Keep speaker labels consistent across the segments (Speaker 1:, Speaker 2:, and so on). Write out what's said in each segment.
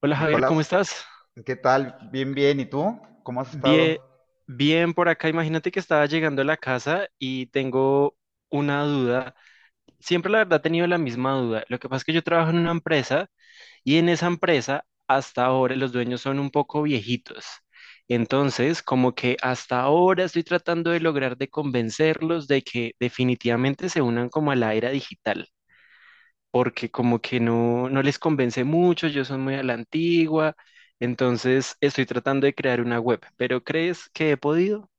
Speaker 1: Hola Javier, ¿cómo
Speaker 2: Nicolás,
Speaker 1: estás?
Speaker 2: ¿qué tal? Bien, bien. ¿Y tú? ¿Cómo has estado?
Speaker 1: Bien, bien por acá. Imagínate que estaba llegando a la casa y tengo una duda. Siempre la verdad he tenido la misma duda. Lo que pasa es que yo trabajo en una empresa y en esa empresa hasta ahora los dueños son un poco viejitos. Entonces, como que hasta ahora estoy tratando de lograr de convencerlos de que definitivamente se unan como a la era digital. Porque como que no, no les convence mucho, yo soy muy a la antigua, entonces estoy tratando de crear una web, pero ¿crees que he podido?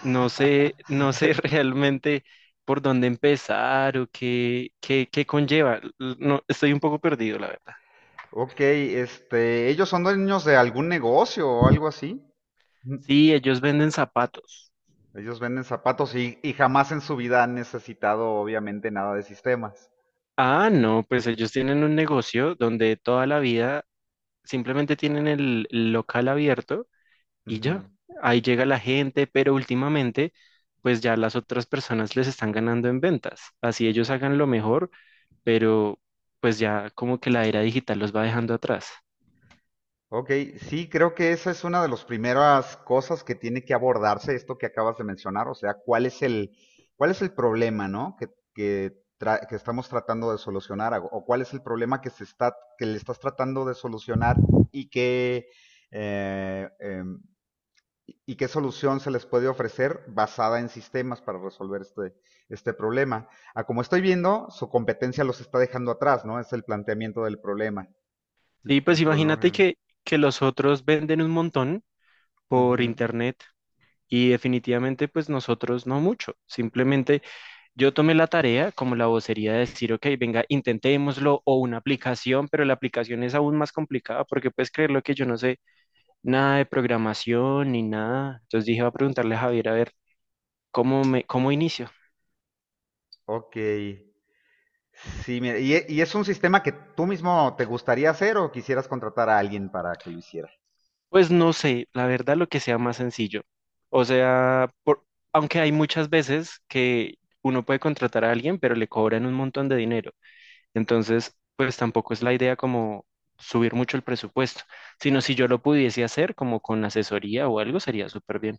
Speaker 1: No sé, no sé realmente por dónde empezar o qué conlleva. No, estoy un poco perdido, la verdad.
Speaker 2: Ok, ellos son dueños de algún negocio o algo así. Ujú.
Speaker 1: Sí, ellos venden zapatos.
Speaker 2: Ellos venden zapatos y jamás en su vida han necesitado, obviamente, nada de sistemas.
Speaker 1: Ah, no, pues ellos tienen un negocio donde toda la vida simplemente tienen el local abierto y ya,
Speaker 2: Ujú.
Speaker 1: ahí llega la gente, pero últimamente, pues ya las otras personas les están ganando en ventas. Así ellos hagan lo mejor, pero pues ya como que la era digital los va dejando atrás.
Speaker 2: Ok, sí, creo que esa es una de las primeras cosas que tiene que abordarse, esto que acabas de mencionar, o sea, cuál es el problema, ¿no? Que estamos tratando de solucionar, o cuál es el problema que se está, que le estás tratando de solucionar y qué, eh, em, qué solución se les puede ofrecer basada en sistemas para resolver este problema. A como estoy viendo, su competencia los está dejando atrás, ¿no? Es el planteamiento
Speaker 1: Sí, pues
Speaker 2: del
Speaker 1: imagínate
Speaker 2: problema.
Speaker 1: que los otros venden un montón por
Speaker 2: Ujú.
Speaker 1: internet. Y definitivamente, pues nosotros no mucho. Simplemente yo tomé la tarea como la vocería de decir, ok, venga, intentémoslo o una aplicación, pero la aplicación es aún más complicada porque puedes creer lo que yo no sé nada de programación ni nada. Entonces dije, voy a preguntarle a Javier a ver cómo me, cómo inicio.
Speaker 2: Ok. Sí, mira, ¿y es un sistema que tú mismo te gustaría hacer o quisieras contratar a alguien para que lo hiciera?
Speaker 1: Pues no sé, la verdad lo que sea más sencillo. O sea, aunque hay muchas veces que uno puede contratar a alguien, pero le cobran un montón de dinero. Entonces, pues tampoco es la idea como subir mucho el presupuesto, sino si yo lo pudiese hacer como con asesoría o algo, sería súper bien.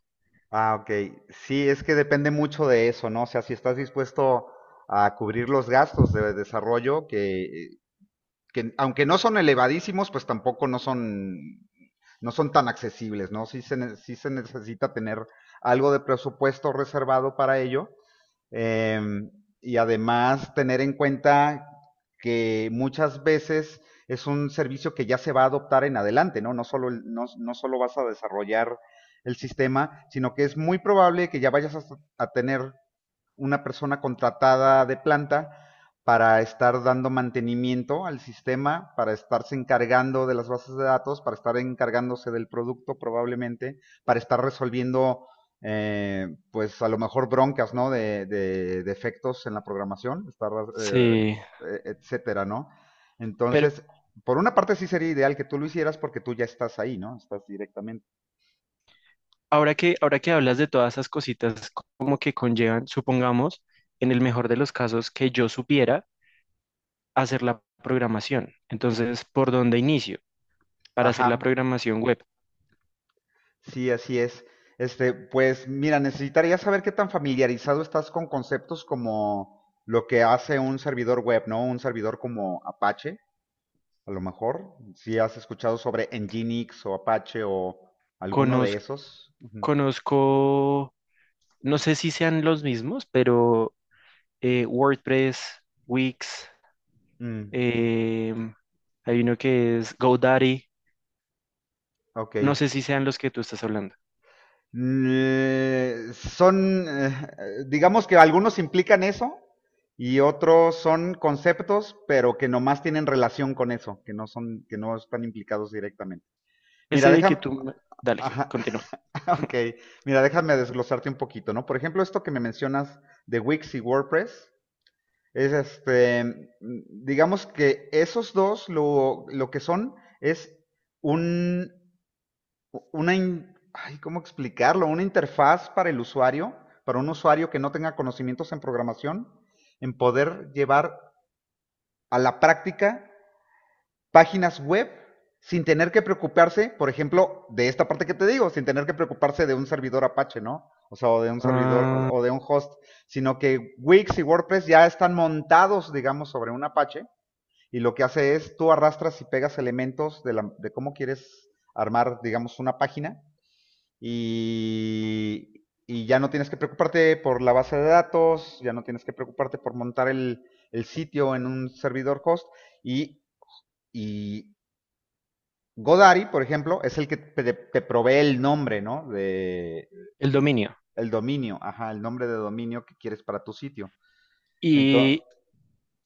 Speaker 2: Ah, ok. Sí, es que depende mucho de eso, ¿no? O sea, si estás dispuesto a cubrir los gastos de desarrollo, que aunque no son elevadísimos, pues tampoco no son tan accesibles, ¿no? Sí se necesita tener algo de presupuesto reservado para ello. Eh, y además tener en cuenta que muchas veces es un servicio que ya se va a adoptar en adelante, ¿no? No solo vas a desarrollar el sistema, sino que es muy probable que ya vayas a tener una persona contratada de planta para estar dando mantenimiento al sistema, para estarse encargando de las bases de datos, para estar encargándose del producto probablemente, para estar resolviendo, pues a lo mejor broncas, ¿no? De defectos en la programación, eh,
Speaker 1: Sí,
Speaker 2: etcétera, ¿no? Entonces, por una parte sí sería ideal que tú lo hicieras porque tú ya estás ahí, ¿no? Estás directamente.
Speaker 1: ahora que hablas de todas esas cositas como que conllevan, supongamos, en el mejor de los casos que yo supiera hacer la programación. Entonces, ¿por dónde inicio para hacer la
Speaker 2: Ajá.
Speaker 1: programación web?
Speaker 2: Sí, así es. Pues mira, necesitaría saber qué tan familiarizado estás con conceptos como lo que hace un servidor web, ¿no? Un servidor como Apache, a lo mejor. Si has escuchado sobre Nginx o Apache o alguno de
Speaker 1: Conoz-
Speaker 2: esos. Ujú.
Speaker 1: Conozco, no sé si sean los mismos, pero WordPress, Wix,
Speaker 2: Mm,
Speaker 1: em, hay uno que es GoDaddy,
Speaker 2: ok.
Speaker 1: no sé si sean los que tú estás hablando.
Speaker 2: Son, digamos que algunos implican eso y otros son conceptos, pero que nomás tienen relación con eso, que no están implicados directamente. Mira,
Speaker 1: Ese que
Speaker 2: déjame.
Speaker 1: tú, me- Dale,
Speaker 2: Ajá,
Speaker 1: continúa.
Speaker 2: ok. Mira, déjame desglosarte un poquito, ¿no? Por ejemplo, esto que me mencionas de Wix y WordPress, es digamos que esos dos lo que son es un, ay, ¿cómo explicarlo? Una interfaz para el usuario, para un usuario que no tenga conocimientos en programación, en poder llevar a la práctica páginas web sin tener que preocuparse, por ejemplo, de esta parte que te digo, sin tener que preocuparse de un servidor Apache, ¿no? O sea, o de un servidor
Speaker 1: Ah,
Speaker 2: o de un host, sino que Wix y WordPress ya están montados, digamos, sobre un Apache y lo que hace es tú arrastras y pegas elementos de cómo quieres armar, digamos, una página y ya no tienes que preocuparte por la base de datos, ya no tienes que preocuparte por montar el sitio en un servidor host y, y Godaddy, por ejemplo, es el que te provee el nombre, ¿no? De
Speaker 1: el dominio.
Speaker 2: el dominio, ajá, el nombre de dominio que quieres para tu sitio. Entonces,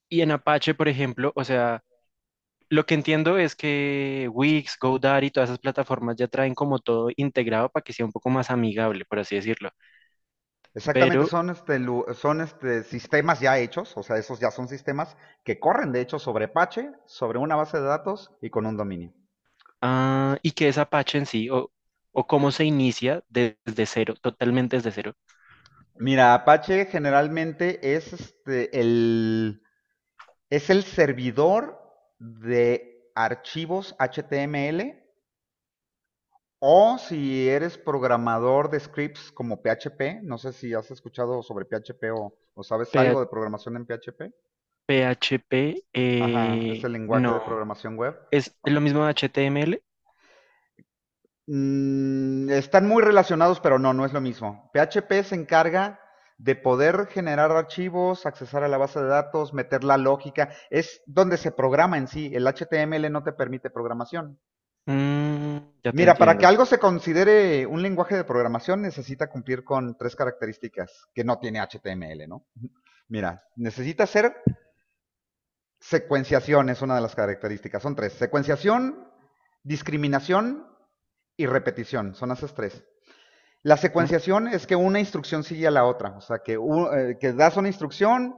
Speaker 1: Y en Apache, por ejemplo, o sea, lo que entiendo es que Wix, GoDaddy, todas esas plataformas ya traen como todo integrado para que sea un poco más amigable, por así decirlo.
Speaker 2: exactamente
Speaker 1: Pero,
Speaker 2: son este sistemas ya hechos, o sea, esos ya son sistemas que corren de hecho sobre Apache, sobre una base de datos y con un dominio.
Speaker 1: ah, ¿y qué es Apache en sí? ¿O o cómo se inicia desde cero, totalmente desde cero?
Speaker 2: Mira, Apache generalmente es el servidor de archivos HTML. O si eres programador de scripts como PHP, no sé si has escuchado sobre PHP o sabes
Speaker 1: P-
Speaker 2: algo de programación en PHP.
Speaker 1: PHP,
Speaker 2: Ajá, es el lenguaje de
Speaker 1: no.
Speaker 2: programación web.
Speaker 1: ¿Es lo mismo de HTML?
Speaker 2: Están muy relacionados, pero no, no es lo mismo. PHP se encarga de poder generar archivos, accesar a la base de datos, meter la lógica. Es donde se programa en sí. El HTML no te permite programación.
Speaker 1: Mm, ya te
Speaker 2: Mira, para que
Speaker 1: entiendo.
Speaker 2: algo se considere un lenguaje de programación necesita cumplir con tres características que no tiene HTML, ¿no? Mira, necesita ser secuenciación, es una de las características. Son tres. Secuenciación, discriminación y repetición. Son esas tres. La
Speaker 1: Ujú.
Speaker 2: secuenciación es que una instrucción sigue a la otra. O sea, que das una instrucción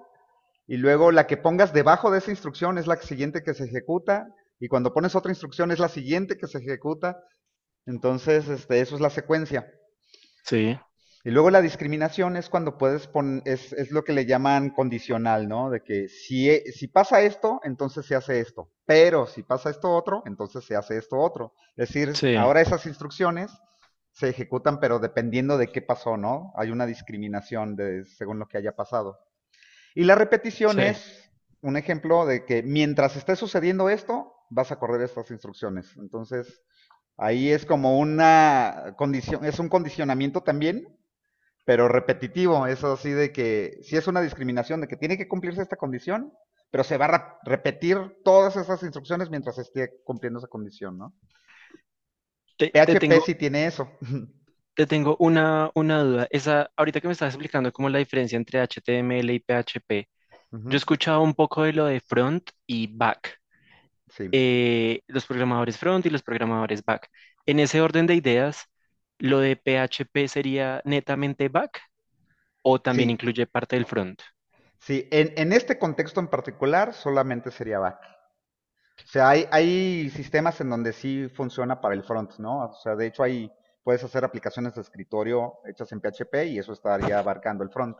Speaker 2: y luego la que pongas debajo de esa instrucción es la siguiente que se ejecuta. Y cuando pones otra instrucción es la siguiente que se ejecuta. Entonces, eso es la secuencia.
Speaker 1: Sí,
Speaker 2: Y luego la discriminación es cuando puedes poner, es lo que le llaman condicional, ¿no? De que si pasa esto, entonces se hace esto. Pero si pasa esto otro, entonces se hace esto otro. Es decir,
Speaker 1: sí,
Speaker 2: ahora esas instrucciones se ejecutan, pero dependiendo de qué pasó, ¿no? Hay una discriminación de, según lo que haya pasado. Y la repetición
Speaker 1: sí.
Speaker 2: es un ejemplo de que mientras esté sucediendo esto, vas a correr estas instrucciones. Entonces, ahí es como una condición, es un condicionamiento también, pero repetitivo. Eso así de que si es una discriminación de que tiene que cumplirse esta condición, pero se va a repetir todas esas instrucciones mientras esté cumpliendo esa condición, ¿no?
Speaker 1: Te, te
Speaker 2: PHP
Speaker 1: tengo
Speaker 2: sí tiene eso.
Speaker 1: Te tengo una duda. Esa, ahorita que me estás explicando cómo la diferencia entre HTML y PHP, yo he
Speaker 2: Ujú.
Speaker 1: escuchado un poco de lo de front y back,
Speaker 2: Sí,
Speaker 1: los programadores front y los programadores back. En ese orden de ideas, ¿lo de PHP sería netamente back o también
Speaker 2: sí,
Speaker 1: incluye parte del front?
Speaker 2: sí. En este contexto en particular solamente sería bat. O sea, hay sistemas en donde sí funciona para el front, ¿no? O sea, puedes hacer aplicaciones de escritorio hechas en PHP y eso estaría abarcando el front.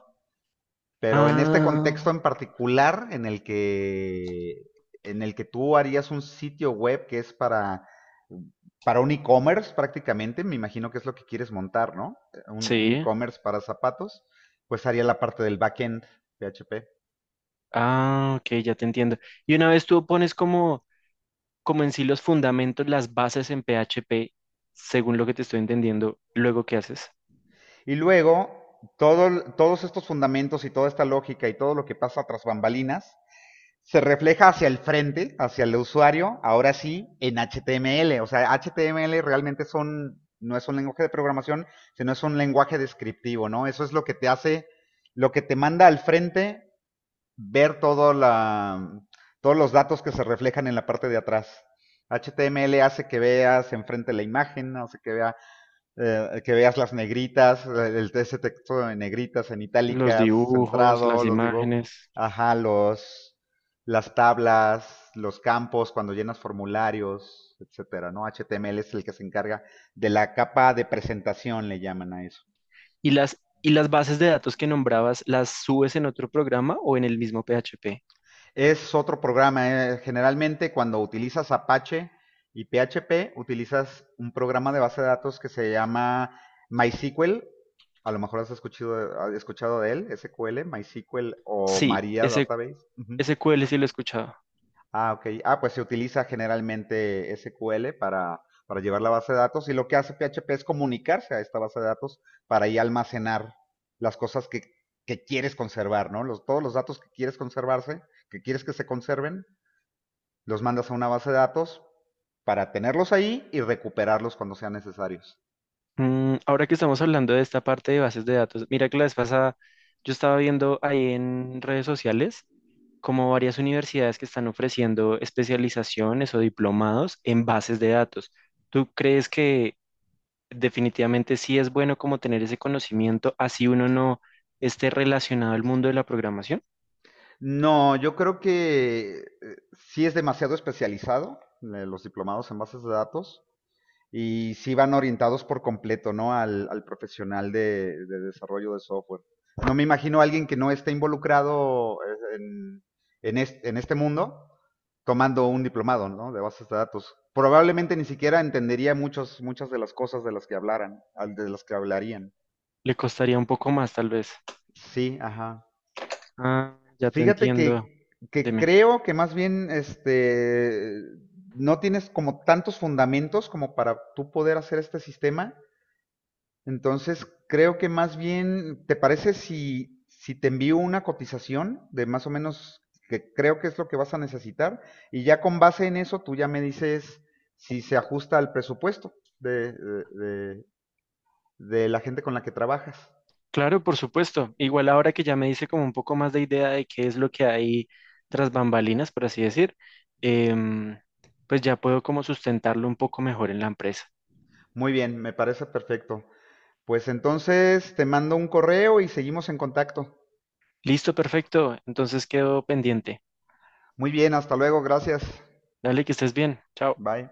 Speaker 2: Pero en este
Speaker 1: Ah,
Speaker 2: contexto en particular, en el que tú harías un sitio web que es para un e-commerce prácticamente, me imagino que es lo que quieres montar, ¿no? Un
Speaker 1: sí.
Speaker 2: e-commerce para zapatos, pues haría la parte del backend PHP.
Speaker 1: Ah, ok, ya te entiendo. Y una vez tú pones como como en sí los fundamentos, las bases en PHP, según lo que te estoy entendiendo, luego qué haces,
Speaker 2: Y luego, todos estos fundamentos y toda esta lógica y todo lo que pasa tras bambalinas se refleja hacia el frente, hacia el usuario, ahora sí, en HTML. O sea, HTML realmente son, no es un lenguaje de programación, sino es un lenguaje descriptivo, ¿no? Eso es lo que te hace, lo que te manda al frente ver todos los datos que se reflejan en la parte de atrás. HTML hace que veas enfrente la imagen, hace que vea que veas las negritas, ese texto en negritas, en
Speaker 1: los
Speaker 2: itálicas,
Speaker 1: dibujos,
Speaker 2: centrado,
Speaker 1: las
Speaker 2: los dibujos,
Speaker 1: imágenes
Speaker 2: ajá, las tablas, los campos cuando llenas formularios, etcétera, ¿no? HTML es el que se encarga de la capa de presentación, le llaman a eso.
Speaker 1: y las bases de datos que nombrabas, ¿las subes en otro programa o en el mismo PHP?
Speaker 2: Es otro programa. Generalmente cuando utilizas Apache y PHP, utilizas un programa de base de datos que se llama MySQL. A lo mejor has escuchado de él, SQL, MySQL o
Speaker 1: Sí,
Speaker 2: Maria
Speaker 1: ese
Speaker 2: Database. Ujú.
Speaker 1: SQL sí lo he escuchado.
Speaker 2: Ah, ok. Ah, pues se utiliza generalmente SQL para llevar la base de datos y lo que hace PHP es comunicarse a esta base de datos para ahí almacenar las cosas que quieres conservar, ¿no? Los, todos los datos que quieres conservarse, que quieres que se conserven, los mandas a una base de datos para tenerlos ahí y recuperarlos cuando sean necesarios.
Speaker 1: Mm, ahora que estamos hablando de esta parte de bases de datos, mira que la vez pasada yo estaba viendo ahí en redes sociales como varias universidades que están ofreciendo especializaciones o diplomados en bases de datos. ¿Tú crees que definitivamente sí es bueno como tener ese conocimiento, así uno no esté relacionado al mundo de la programación?
Speaker 2: No, yo creo que sí es demasiado especializado, los diplomados en bases de datos y sí van orientados por completo, ¿no? Al profesional de, desarrollo de software. No me imagino a alguien que no esté involucrado, en este mundo tomando un diplomado, ¿no? De bases de datos. Probablemente ni siquiera entendería muchas de las cosas de las que hablaran, de las que hablarían.
Speaker 1: Le costaría un poco más, tal vez.
Speaker 2: Sí, ajá.
Speaker 1: Ah, ya te
Speaker 2: Fíjate
Speaker 1: entiendo.
Speaker 2: que
Speaker 1: Deme.
Speaker 2: creo que más bien no tienes como tantos fundamentos como para tú poder hacer este sistema. Entonces, creo que más bien, ¿te parece si te envío una cotización de más o menos que creo que es lo que vas a necesitar? Y ya con base en eso, tú ya me dices si se ajusta al presupuesto de, de la gente con la que trabajas.
Speaker 1: Claro, por supuesto. Igual ahora que ya me hice como un poco más de idea de qué es lo que hay tras bambalinas, por así decir, em, pues ya puedo como sustentarlo un poco mejor en la empresa.
Speaker 2: Muy bien, me parece perfecto. Pues entonces te mando un correo y seguimos en contacto.
Speaker 1: Listo, perfecto. Entonces quedo pendiente.
Speaker 2: Muy bien, hasta luego, gracias.
Speaker 1: Dale, que estés bien. Chao.
Speaker 2: Bye.